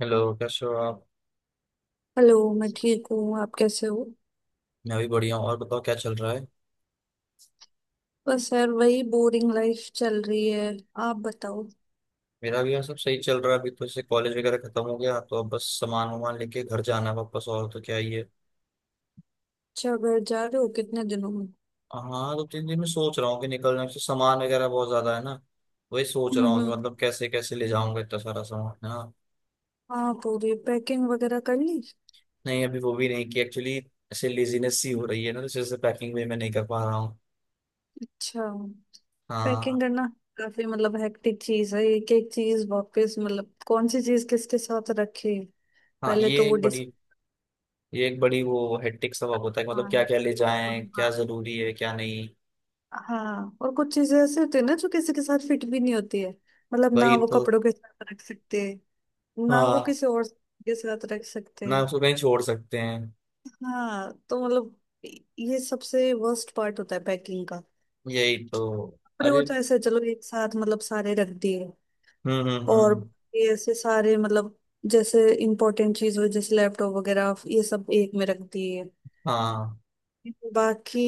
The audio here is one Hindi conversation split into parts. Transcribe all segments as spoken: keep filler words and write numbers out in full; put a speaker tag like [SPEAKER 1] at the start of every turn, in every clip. [SPEAKER 1] हेलो कैसे हो आप।
[SPEAKER 2] हेलो मैं ठीक हूँ। आप कैसे हो?
[SPEAKER 1] मैं भी बढ़िया हूँ, और बताओ क्या चल रहा है।
[SPEAKER 2] बस यार वही बोरिंग लाइफ चल रही है। आप बताओ।
[SPEAKER 1] मेरा भी यहाँ सब सही चल रहा है, अभी तो जैसे कॉलेज वगैरह खत्म हो गया तो अब बस सामान वामान लेके घर जाना है वापस, और तो क्या ही है।
[SPEAKER 2] अच्छा, घर जा रहे हो? कितने दिनों में?
[SPEAKER 1] हाँ, दो तीन दिन में सोच रहा हूँ कि निकलना है। जैसे सामान वगैरह बहुत ज्यादा है ना, वही सोच रहा
[SPEAKER 2] हम्म
[SPEAKER 1] हूँ कि
[SPEAKER 2] हम्म।
[SPEAKER 1] मतलब कैसे कैसे ले जाऊंगा इतना सारा सामान। हाँ।
[SPEAKER 2] हाँ, पूरी पैकिंग वगैरह कर ली?
[SPEAKER 1] नहीं अभी वो भी नहीं कि एक्चुअली ऐसे लेजीनेस सी हो रही है ना, तो जैसे पैकिंग भी मैं नहीं कर पा रहा हूँ।
[SPEAKER 2] अच्छा। पैकिंग
[SPEAKER 1] हाँ।
[SPEAKER 2] करना काफी मतलब हेक्टिक चीज है, एक एक चीज वापस मतलब कौन सी चीज किसके साथ रखे।
[SPEAKER 1] हाँ,
[SPEAKER 2] पहले
[SPEAKER 1] ये
[SPEAKER 2] तो वो
[SPEAKER 1] एक
[SPEAKER 2] डिस।
[SPEAKER 1] बड़ी ये एक बड़ी वो हेक्टिक सबक होता है कि मतलब क्या
[SPEAKER 2] हाँ
[SPEAKER 1] क्या ले जाएं, क्या जरूरी है क्या नहीं।
[SPEAKER 2] हाँ, और कुछ चीजें ऐसी होती है ना जो किसी के साथ फिट भी नहीं होती है। मतलब ना
[SPEAKER 1] वही
[SPEAKER 2] वो
[SPEAKER 1] तो।
[SPEAKER 2] कपड़ों के साथ रख सकते, ना वो
[SPEAKER 1] हाँ,
[SPEAKER 2] किसी और के साथ रख सकते
[SPEAKER 1] ना
[SPEAKER 2] हैं।
[SPEAKER 1] उसको कहीं छोड़ सकते हैं।
[SPEAKER 2] हाँ तो मतलब ये सबसे वर्स्ट पार्ट होता है पैकिंग का।
[SPEAKER 1] यही तो।
[SPEAKER 2] कपड़े
[SPEAKER 1] अरे।
[SPEAKER 2] और तो ऐसे चलो एक साथ मतलब सारे रख दिए।
[SPEAKER 1] हम्म हम्म
[SPEAKER 2] और
[SPEAKER 1] हम्म।
[SPEAKER 2] ये ऐसे सारे मतलब जैसे इम्पोर्टेंट चीज हो, जैसे लैपटॉप वगैरह, ये सब एक में रख दिए।
[SPEAKER 1] हाँ,
[SPEAKER 2] बाकी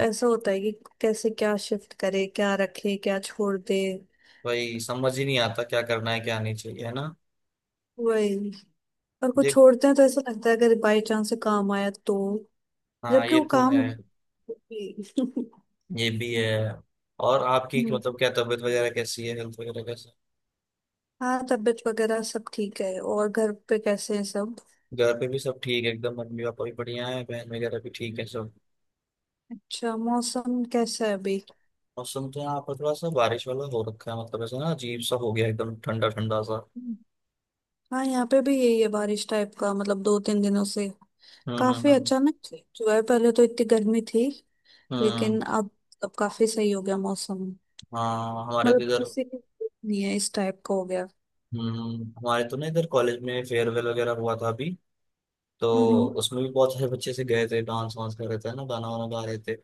[SPEAKER 2] ऐसा होता है कि कैसे क्या शिफ्ट करे, क्या रखे, क्या छोड़ दे।
[SPEAKER 1] वही समझ ही नहीं आता क्या करना है क्या नहीं चाहिए, है ना।
[SPEAKER 2] वही। और कुछ
[SPEAKER 1] देख।
[SPEAKER 2] छोड़ते हैं तो ऐसा लगता है अगर बाई चांस से काम आया तो।
[SPEAKER 1] हाँ
[SPEAKER 2] जबकि
[SPEAKER 1] ये
[SPEAKER 2] वो
[SPEAKER 1] तो है।
[SPEAKER 2] काम
[SPEAKER 1] ये भी है। और आपकी
[SPEAKER 2] हम्म।
[SPEAKER 1] मतलब क्या तबीयत वगैरह कैसी है, हेल्थ वगैरह कैसा है?
[SPEAKER 2] हाँ, तबीयत वगैरह सब ठीक है। और घर पे कैसे हैं सब?
[SPEAKER 1] घर पे भी सब ठीक है एकदम, मम्मी पापा भी बढ़िया है, बहन वगैरह भी ठीक है सब।
[SPEAKER 2] अच्छा, मौसम कैसा है अभी?
[SPEAKER 1] और सुनते हैं यहाँ पर थोड़ा सा बारिश वाला हो रखा है, मतलब ऐसा ना अजीब सा हो गया, एकदम ठंडा ठंडा सा।
[SPEAKER 2] हाँ, यहाँ पे भी यही है, बारिश टाइप का। मतलब दो तीन दिनों से
[SPEAKER 1] हम्म हम्म
[SPEAKER 2] काफी
[SPEAKER 1] हम्म
[SPEAKER 2] अचानक से जो है। पहले तो इतनी गर्मी थी,
[SPEAKER 1] हम्म।
[SPEAKER 2] लेकिन अब अब काफी सही हो गया मौसम।
[SPEAKER 1] हाँ हमारे तो
[SPEAKER 2] मतलब
[SPEAKER 1] इधर।
[SPEAKER 2] किसी की जरूरत नहीं है, इस टाइप का हो गया।
[SPEAKER 1] हम्म, हमारे तो ना इधर कॉलेज में फेयरवेल वगैरह हुआ था अभी, तो
[SPEAKER 2] हम्म।
[SPEAKER 1] उसमें भी बहुत सारे बच्चे से गए थे, डांस वांस कर रहे थे ना, गाना वाना गा रहे थे।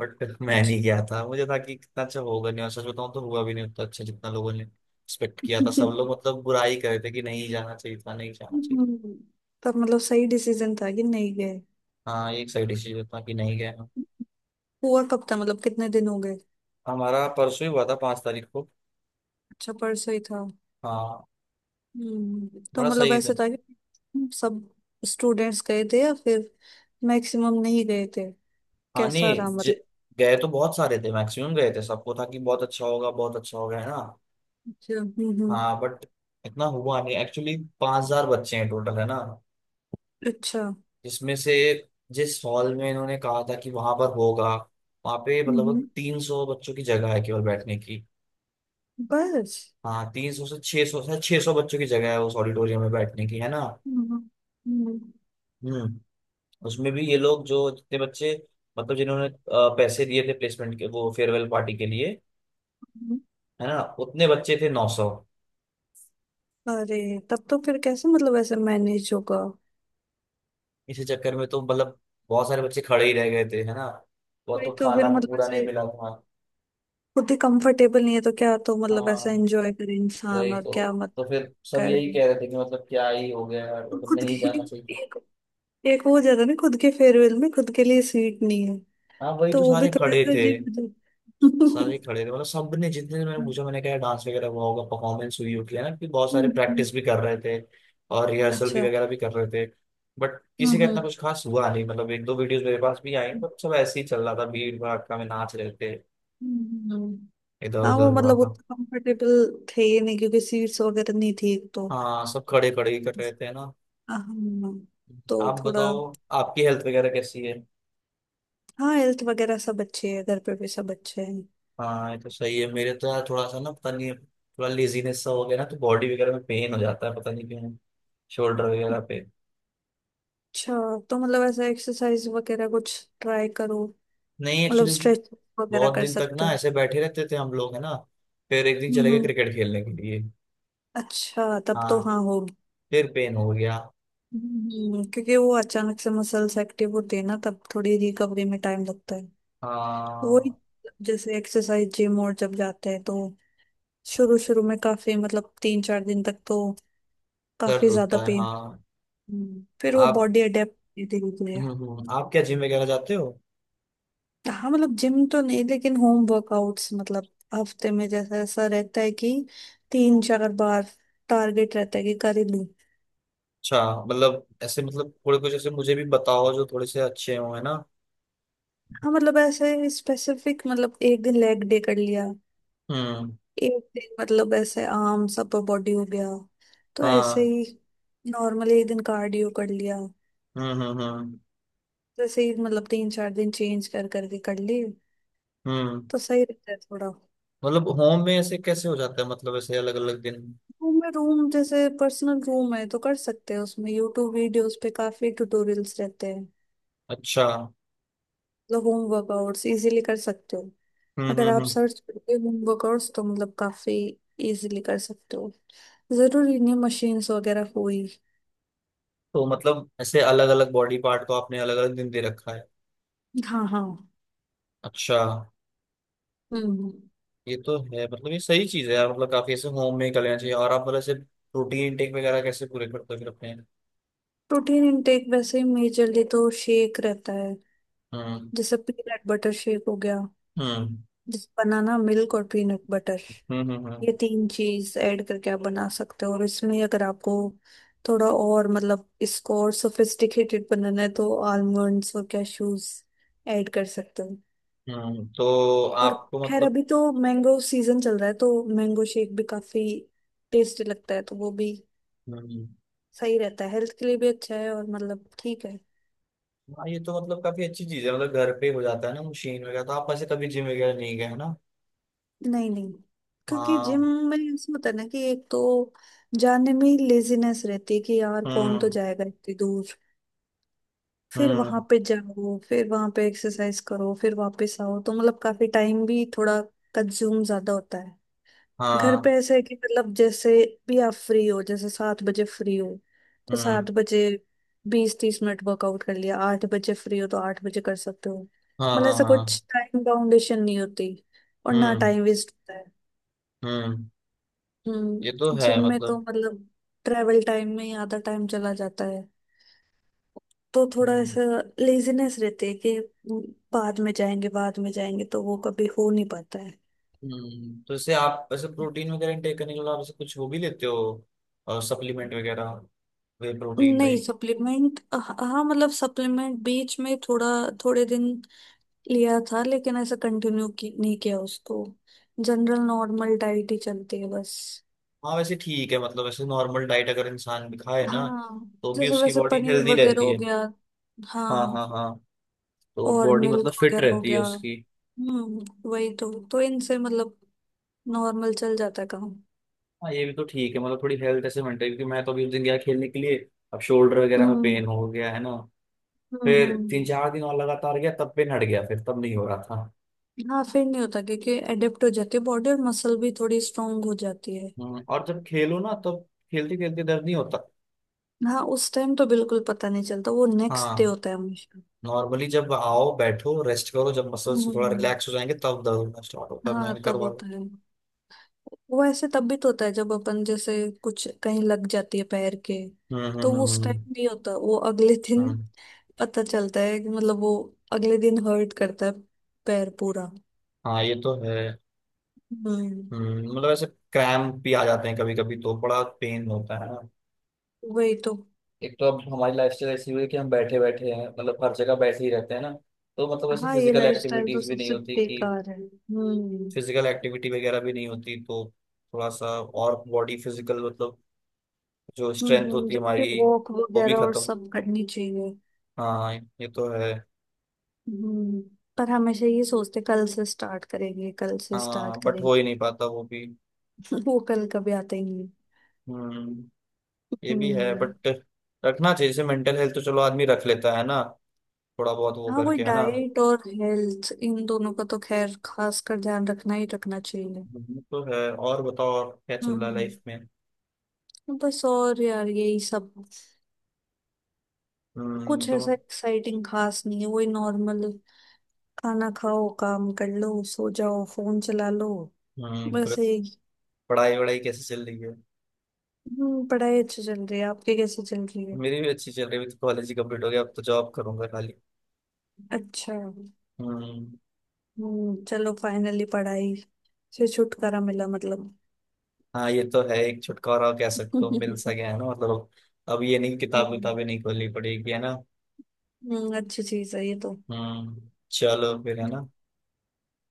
[SPEAKER 1] बट मैं
[SPEAKER 2] अच्छा।
[SPEAKER 1] नहीं गया था, मुझे था कि कितना अच्छा होगा नहीं, और सच बताऊं तो हुआ भी नहीं उतना अच्छा जितना लोगों ने एक्सपेक्ट किया था, सब लोग मतलब बुराई कर रहे थे कि नहीं जाना चाहिए था, नहीं जाना चाहिए था।
[SPEAKER 2] हम्म, तब मतलब सही डिसीजन था कि नहीं गए।
[SPEAKER 1] हाँ ये एक सही डिसीजन था कि नहीं गया हम।
[SPEAKER 2] हुआ कब था? मतलब कितने दिन हो गए?
[SPEAKER 1] हमारा परसों ही हुआ था, पांच तारीख को।
[SPEAKER 2] अच्छा, परसों ही था।
[SPEAKER 1] हाँ।
[SPEAKER 2] हम्म, तो
[SPEAKER 1] बड़ा
[SPEAKER 2] मतलब
[SPEAKER 1] सही था।
[SPEAKER 2] ऐसे था कि सब स्टूडेंट्स गए थे, या फिर मैक्सिमम नहीं गए थे?
[SPEAKER 1] हाँ,
[SPEAKER 2] कैसा
[SPEAKER 1] नहीं,
[SPEAKER 2] रहा
[SPEAKER 1] ज-
[SPEAKER 2] मतलब?
[SPEAKER 1] गए तो बहुत सारे थे, मैक्सिमम गए थे, सबको था कि बहुत अच्छा होगा बहुत अच्छा होगा है ना।
[SPEAKER 2] अच्छा। हम्म हम्म।
[SPEAKER 1] हाँ बट इतना हुआ नहीं एक्चुअली, पांच हजार बच्चे हैं टोटल है ना।
[SPEAKER 2] अच्छा।
[SPEAKER 1] जिसमें से जिस हॉल में इन्होंने कहा था कि वहां पर होगा, वहां पे मतलब
[SPEAKER 2] हम्म।
[SPEAKER 1] तीन सौ बच्चों की जगह है केवल बैठने की।
[SPEAKER 2] बस।
[SPEAKER 1] हाँ, तीन सौ से छह सौ से छह सौ बच्चों की जगह है उस ऑडिटोरियम में बैठने की, है ना।
[SPEAKER 2] हम्म हम्म,
[SPEAKER 1] हम्म। उसमें भी ये लोग जो जितने बच्चे मतलब जिन्होंने अ, पैसे दिए थे प्लेसमेंट के, वो फेयरवेल पार्टी के लिए,
[SPEAKER 2] हम्म।
[SPEAKER 1] है ना, उतने बच्चे थे नौ सौ।
[SPEAKER 2] अरे, तब तो फिर कैसे मतलब ऐसे मैनेज होगा?
[SPEAKER 1] इसी चक्कर में तो मतलब बहुत सारे बच्चे खड़े ही रह गए थे, है ना। वो
[SPEAKER 2] वही
[SPEAKER 1] तो
[SPEAKER 2] तो।
[SPEAKER 1] खाना
[SPEAKER 2] फिर
[SPEAKER 1] भी
[SPEAKER 2] मतलब
[SPEAKER 1] पूरा नहीं
[SPEAKER 2] ऐसे
[SPEAKER 1] मिला था।
[SPEAKER 2] खुद ही कंफर्टेबल नहीं है तो क्या तो मतलब ऐसा
[SPEAKER 1] हाँ
[SPEAKER 2] एंजॉय करे इंसान,
[SPEAKER 1] वही
[SPEAKER 2] और
[SPEAKER 1] तो
[SPEAKER 2] क्या मत
[SPEAKER 1] तो फिर सब यही
[SPEAKER 2] करे।
[SPEAKER 1] कह रहे थे कि मतलब क्या ही हो गया यार, मतलब
[SPEAKER 2] खुद
[SPEAKER 1] नहीं
[SPEAKER 2] के
[SPEAKER 1] जाना चाहिए
[SPEAKER 2] लिए
[SPEAKER 1] था।
[SPEAKER 2] एक, एक वो हो जाता है ना, खुद के फेयरवेल में खुद के लिए सीट नहीं है,
[SPEAKER 1] हाँ वही
[SPEAKER 2] तो
[SPEAKER 1] तो,
[SPEAKER 2] वो भी
[SPEAKER 1] सारे
[SPEAKER 2] थोड़ा
[SPEAKER 1] खड़े
[SPEAKER 2] सा
[SPEAKER 1] थे।
[SPEAKER 2] अजीब हो
[SPEAKER 1] सारे
[SPEAKER 2] जाता
[SPEAKER 1] खड़े थे, मतलब सबने जितने से मैंने
[SPEAKER 2] है।
[SPEAKER 1] पूछा, मैंने कहा डांस वगैरह हुआ होगा, परफॉर्मेंस हुई होगी है ना, कि बहुत सारे
[SPEAKER 2] हम्म,
[SPEAKER 1] प्रैक्टिस भी कर रहे थे, और रिहर्सल भी
[SPEAKER 2] अच्छा।
[SPEAKER 1] वगैरह भी कर रहे थे। बट किसी का
[SPEAKER 2] हम्म,
[SPEAKER 1] इतना कुछ खास हुआ नहीं, मतलब एक दो वीडियोस मेरे पास भी आई बट सब ऐसे ही चल रहा था, भीड़ भड़का में नाच रहे थे,
[SPEAKER 2] हम्म, हम्म।
[SPEAKER 1] इधर
[SPEAKER 2] हाँ, वो
[SPEAKER 1] उधर हुआ
[SPEAKER 2] मतलब
[SPEAKER 1] था।
[SPEAKER 2] उतना कंफर्टेबल थे ही नहीं क्योंकि सीट्स वगैरह नहीं थी एक तो।
[SPEAKER 1] हाँ सब खड़े खड़े ही कर रहे थे ना।
[SPEAKER 2] हाँ, तो
[SPEAKER 1] आप
[SPEAKER 2] थोड़ा।
[SPEAKER 1] बताओ, आपकी हेल्थ वगैरह कैसी है।
[SPEAKER 2] हाँ, हेल्थ वगैरह सब अच्छे है, घर पे भी सब अच्छे हैं।
[SPEAKER 1] हाँ ये तो सही है, मेरे तो यार थोड़ा सा ना पता नहीं थोड़ा लेजीनेस सा हो गया ना, तो बॉडी वगैरह में पेन हो जाता है, पता नहीं क्यों, शोल्डर वगैरह पे।
[SPEAKER 2] अच्छा, तो मतलब ऐसा एक्सरसाइज वगैरह कुछ ट्राई करो।
[SPEAKER 1] नहीं
[SPEAKER 2] मतलब
[SPEAKER 1] एक्चुअली
[SPEAKER 2] स्ट्रेच वगैरह
[SPEAKER 1] बहुत
[SPEAKER 2] कर
[SPEAKER 1] दिन तक
[SPEAKER 2] सकते हो।
[SPEAKER 1] ना ऐसे बैठे रहते थे हम लोग है ना। फिर एक दिन चले गए
[SPEAKER 2] हम्म।
[SPEAKER 1] क्रिकेट खेलने के लिए।
[SPEAKER 2] अच्छा, तब तो
[SPEAKER 1] हाँ।
[SPEAKER 2] हाँ, हो।
[SPEAKER 1] फिर पेन हो गया।
[SPEAKER 2] हम्म, क्योंकि वो अचानक से मसल्स एक्टिव होते हैं ना, तब थोड़ी रिकवरी में टाइम लगता है। वही,
[SPEAKER 1] हाँ
[SPEAKER 2] जैसे एक्सरसाइज जिम और जब जाते हैं तो शुरू शुरू में काफी मतलब तीन चार दिन तक तो
[SPEAKER 1] दर्द
[SPEAKER 2] काफी ज्यादा
[SPEAKER 1] होता है।
[SPEAKER 2] पेन।
[SPEAKER 1] हाँ।
[SPEAKER 2] फिर वो
[SPEAKER 1] आप।
[SPEAKER 2] बॉडी अडेप्ट धीरे धीरे।
[SPEAKER 1] हम्म हम्म, आप क्या जिम वगैरह जाते हो।
[SPEAKER 2] हाँ, मतलब जिम तो नहीं लेकिन होम वर्कआउट्स मतलब हफ्ते में जैसा ऐसा रहता है कि तीन चार बार टारगेट रहता है कि कर ही लूं।
[SPEAKER 1] अच्छा। मतलब ऐसे मतलब थोड़े कुछ ऐसे मुझे भी बताओ जो थोड़े से अच्छे हो है ना।
[SPEAKER 2] हाँ, मतलब ऐसे स्पेसिफिक, मतलब एक दिन लेग डे कर लिया,
[SPEAKER 1] हम्म।
[SPEAKER 2] एक दिन मतलब ऐसे आर्म्स अपर बॉडी हो गया, तो ऐसे
[SPEAKER 1] हाँ।
[SPEAKER 2] ही। नॉर्मली एक दिन कार्डियो कर लिया,
[SPEAKER 1] हम्म हम्म हम्म।
[SPEAKER 2] जैसे ही मतलब तीन चार दिन चेंज कर करके कर लिए
[SPEAKER 1] हम्म।
[SPEAKER 2] तो सही रहता है थोड़ा।
[SPEAKER 1] मतलब होम में ऐसे कैसे हो जाता है, मतलब ऐसे अलग अलग दिन।
[SPEAKER 2] रूम में, रूम जैसे पर्सनल रूम है तो कर सकते हैं, उसमें यूट्यूब वीडियोस पे काफी ट्यूटोरियल्स रहते हैं।
[SPEAKER 1] अच्छा।
[SPEAKER 2] मतलब होम वर्कआउट्स इजीली कर सकते हो।
[SPEAKER 1] हम्म
[SPEAKER 2] अगर
[SPEAKER 1] हम्म
[SPEAKER 2] आप
[SPEAKER 1] हम्म।
[SPEAKER 2] सर्च करते हो होम वर्कआउट्स तो मतलब काफी इजीली कर सकते हो। जरूरी नहीं मशीन्स वगैरह हो ही।
[SPEAKER 1] तो मतलब ऐसे अलग अलग बॉडी पार्ट को आपने अलग अलग दिन दे रखा है।
[SPEAKER 2] हाँ हाँ।
[SPEAKER 1] अच्छा।
[SPEAKER 2] हम्म हम्म।
[SPEAKER 1] ये तो है, मतलब ये सही चीज है यार, मतलब काफी ऐसे होम में ही कर लेना चाहिए। और आप मतलब ऐसे प्रोटीन इनटेक वगैरह कैसे पूरे करते हो फिर अपने।
[SPEAKER 2] प्रोटीन इनटेक वैसे मेजरली तो शेक रहता है,
[SPEAKER 1] हम्म।
[SPEAKER 2] जैसे पीनट बटर शेक हो गया,
[SPEAKER 1] हम्म।
[SPEAKER 2] जैसे बनाना मिल्क और पीनट बटर,
[SPEAKER 1] हम्म। हम्म।
[SPEAKER 2] ये
[SPEAKER 1] हम्म
[SPEAKER 2] तीन चीज ऐड करके आप बना सकते हो। और इसमें अगर आपको थोड़ा और मतलब इसको और सोफिस्टिकेटेड बनाना है तो आलमंड्स और कैशूज ऐड कर सकते हो।
[SPEAKER 1] हम्म, तो
[SPEAKER 2] और
[SPEAKER 1] आपको
[SPEAKER 2] खैर
[SPEAKER 1] मतलब।
[SPEAKER 2] अभी तो मैंगो सीजन चल रहा है, तो मैंगो शेक भी काफी टेस्टी लगता है, तो वो भी
[SPEAKER 1] हम्म।
[SPEAKER 2] सही रहता है, हेल्थ के लिए भी अच्छा है, और मतलब ठीक है।
[SPEAKER 1] हाँ ये तो मतलब काफी अच्छी चीज है, मतलब घर पे हो जाता है ना मशीन वगैरह, तो आप ऐसे कभी जिम वगैरह नहीं गए है ना।
[SPEAKER 2] नहीं नहीं, क्योंकि जिम
[SPEAKER 1] हाँ।
[SPEAKER 2] में ऐसा होता है ना कि एक तो जाने में ही लेजीनेस रहती है कि यार कौन तो
[SPEAKER 1] हम्म
[SPEAKER 2] जाएगा इतनी दूर, फिर वहां
[SPEAKER 1] हम्म।
[SPEAKER 2] पे जाओ, फिर वहां पे एक्सरसाइज करो, फिर वापस आओ, तो मतलब काफी टाइम भी थोड़ा कंज्यूम ज्यादा होता है। घर पे
[SPEAKER 1] हाँ।
[SPEAKER 2] ऐसा है कि मतलब जैसे भी आप फ्री हो, जैसे सात बजे फ्री हो तो
[SPEAKER 1] हम्म।
[SPEAKER 2] सात बजे बीस तीस मिनट वर्कआउट कर लिया, आठ बजे फ्री हो तो आठ बजे कर सकते हो।
[SPEAKER 1] हाँ
[SPEAKER 2] मतलब
[SPEAKER 1] हाँ
[SPEAKER 2] ऐसा
[SPEAKER 1] हाँ हाँ।
[SPEAKER 2] कुछ टाइम बाउंडेशन नहीं होती, और ना
[SPEAKER 1] हम्म
[SPEAKER 2] टाइम वेस्ट।
[SPEAKER 1] हम्म। ये तो
[SPEAKER 2] हम्म,
[SPEAKER 1] है
[SPEAKER 2] जिम में तो
[SPEAKER 1] मतलब।
[SPEAKER 2] मतलब ट्रेवल टाइम में ही आधा टाइम चला जाता है, तो थोड़ा
[SPEAKER 1] हम्म।
[SPEAKER 2] ऐसा लेजीनेस रहती है कि हम्म, बाद में जाएंगे, बाद में जाएंगे, तो वो कभी हो नहीं पाता है।
[SPEAKER 1] हम्म, तो जैसे आप वैसे प्रोटीन वगैरह इनटेक करने के बाद आप जैसे कुछ हो भी लेते हो और सप्लीमेंट वगैरह, वे प्रोटीन
[SPEAKER 2] नहीं,
[SPEAKER 1] टाइप।
[SPEAKER 2] सप्लीमेंट हाँ मतलब सप्लीमेंट बीच में थोड़ा, थोड़े दिन लिया था लेकिन ऐसा कंटिन्यू की, नहीं किया उसको। जनरल नॉर्मल डाइट ही चलती है बस।
[SPEAKER 1] हाँ वैसे ठीक है, मतलब वैसे नॉर्मल डाइट अगर इंसान भी खाए ना
[SPEAKER 2] हाँ,
[SPEAKER 1] तो भी
[SPEAKER 2] जैसे
[SPEAKER 1] उसकी
[SPEAKER 2] वैसे
[SPEAKER 1] बॉडी
[SPEAKER 2] पनीर
[SPEAKER 1] हेल्दी
[SPEAKER 2] वगैरह
[SPEAKER 1] रहती
[SPEAKER 2] हो
[SPEAKER 1] है।
[SPEAKER 2] गया,
[SPEAKER 1] हाँ हाँ
[SPEAKER 2] हाँ,
[SPEAKER 1] हाँ। तो
[SPEAKER 2] और
[SPEAKER 1] बॉडी
[SPEAKER 2] मिल्क
[SPEAKER 1] मतलब फिट
[SPEAKER 2] वगैरह हो
[SPEAKER 1] रहती है
[SPEAKER 2] गया।
[SPEAKER 1] उसकी।
[SPEAKER 2] हम्म, वही तो। तो इनसे मतलब नॉर्मल चल जाता है काम।
[SPEAKER 1] हाँ ये भी तो ठीक है, मतलब थोड़ी हेल्थ ऐसे मेंटेन, क्योंकि मैं तो अभी उस दिन गया खेलने के लिए, अब शोल्डर वगैरह में
[SPEAKER 2] हम्म
[SPEAKER 1] पेन हो गया है ना।
[SPEAKER 2] हम्म
[SPEAKER 1] फिर तीन
[SPEAKER 2] हम्म।
[SPEAKER 1] चार दिन और लगातार गया तब पेन हट गया, फिर तब नहीं हो रहा।
[SPEAKER 2] हाँ, फिर नहीं होता क्योंकि एडेप्ट हो जाती है बॉडी, और मसल भी थोड़ी स्ट्रांग हो जाती है।
[SPEAKER 1] हम्म, और जब खेलो ना, तब खेलते खेलते दर्द नहीं होता।
[SPEAKER 2] हाँ, उस टाइम तो बिल्कुल पता नहीं चलता, वो नेक्स्ट डे
[SPEAKER 1] हाँ।
[SPEAKER 2] होता है हमेशा।
[SPEAKER 1] नॉर्मली जब आओ बैठो रेस्ट करो, जब मसल्स थोड़ा
[SPEAKER 2] हम्म।
[SPEAKER 1] रिलैक्स हो जाएंगे तब दर्द होना स्टार्ट होता है, मैंने
[SPEAKER 2] हाँ, तब
[SPEAKER 1] करवा लो।
[SPEAKER 2] होता है। वो ऐसे तब भी तो होता है जब अपन जैसे कुछ कहीं लग जाती है पैर के,
[SPEAKER 1] हम्म
[SPEAKER 2] तो
[SPEAKER 1] हम्म
[SPEAKER 2] वो
[SPEAKER 1] हम्म
[SPEAKER 2] उस
[SPEAKER 1] हम्म,
[SPEAKER 2] टाइम नहीं होता, वो अगले दिन
[SPEAKER 1] हम्म,
[SPEAKER 2] पता चलता है कि मतलब वो अगले दिन हर्ट करता है, पैर पूरा।
[SPEAKER 1] हाँ ये तो है।
[SPEAKER 2] हम्म,
[SPEAKER 1] हम्म, मतलब ऐसे क्रैम्प भी आ जाते हैं कभी कभी, तो बड़ा पेन होता है ना।
[SPEAKER 2] वही तो।
[SPEAKER 1] एक तो अब हमारी लाइफस्टाइल ऐसी हुई है कि हम बैठे बैठे हैं, मतलब हर जगह बैठे ही रहते हैं ना, तो मतलब ऐसे
[SPEAKER 2] हाँ, ये
[SPEAKER 1] फिजिकल
[SPEAKER 2] लाइफस्टाइल तो
[SPEAKER 1] एक्टिविटीज भी नहीं
[SPEAKER 2] सबसे
[SPEAKER 1] होती कि
[SPEAKER 2] बेकार है। हम्म।
[SPEAKER 1] फिजिकल एक्टिविटी वगैरह भी नहीं होती, तो थोड़ा सा और बॉडी फिजिकल मतलब जो स्ट्रेंथ
[SPEAKER 2] हम्म,
[SPEAKER 1] होती है
[SPEAKER 2] जबकि
[SPEAKER 1] हमारी
[SPEAKER 2] वॉक
[SPEAKER 1] वो भी
[SPEAKER 2] वगैरह और
[SPEAKER 1] खत्म।
[SPEAKER 2] सब करनी चाहिए।
[SPEAKER 1] हाँ ये तो है।
[SPEAKER 2] हम्म, पर हमेशा ये सोचते कल से स्टार्ट करेंगे, कल से स्टार्ट
[SPEAKER 1] हाँ बट
[SPEAKER 2] करेंगे।
[SPEAKER 1] हो ही नहीं पाता वो भी।
[SPEAKER 2] वो कल कभी आते ही नहीं।
[SPEAKER 1] हम्म, ये भी है,
[SPEAKER 2] हम्म।
[SPEAKER 1] बट रखना चाहिए, जैसे मेंटल हेल्थ तो चलो आदमी रख लेता है ना, थोड़ा बहुत वो
[SPEAKER 2] हाँ, वो
[SPEAKER 1] करके है ना।
[SPEAKER 2] डाइट और हेल्थ इन दोनों का तो खैर खास कर ध्यान रखना ही रखना चाहिए।
[SPEAKER 1] हम्म, तो है। और बताओ और क्या चल रहा है
[SPEAKER 2] हम्म,
[SPEAKER 1] लाइफ में।
[SPEAKER 2] बस और यार यही सब।
[SPEAKER 1] हम्म
[SPEAKER 2] कुछ
[SPEAKER 1] तो।
[SPEAKER 2] ऐसा एक्साइटिंग खास नहीं है, वही नॉर्मल। खाना खाओ, काम कर लो, सो जाओ, फोन चला लो,
[SPEAKER 1] हम्म, तो
[SPEAKER 2] बस। एक
[SPEAKER 1] पढ़ाई वढ़ाई कैसे चल रही है।
[SPEAKER 2] हम्म, पढ़ाई अच्छी चल रही है। आपकी कैसी चल रही है?
[SPEAKER 1] मेरी भी अच्छी चल रही है, अभी तो कॉलेज ही कंप्लीट हो गया, अब तो जॉब करूंगा खाली।
[SPEAKER 2] अच्छा।
[SPEAKER 1] हम्म।
[SPEAKER 2] हम्म, चलो फाइनली पढ़ाई से छुटकारा मिला मतलब।
[SPEAKER 1] हाँ ये तो है, एक छुटकारा कह सकते हो मिल सा
[SPEAKER 2] हम्म।
[SPEAKER 1] गया है ना, मतलब अब ये नहीं किताब किताबें नहीं खोलनी पड़ेगी है ना।
[SPEAKER 2] हम्म, अच्छी चीज है ये तो।
[SPEAKER 1] हम्म। चलो फिर है
[SPEAKER 2] हम्म,
[SPEAKER 1] ना।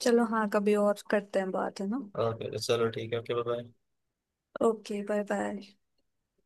[SPEAKER 2] चलो हाँ, कभी और करते हैं बात, है ना?
[SPEAKER 1] ओके चलो ठीक है, okay bye.
[SPEAKER 2] Okay bye bye.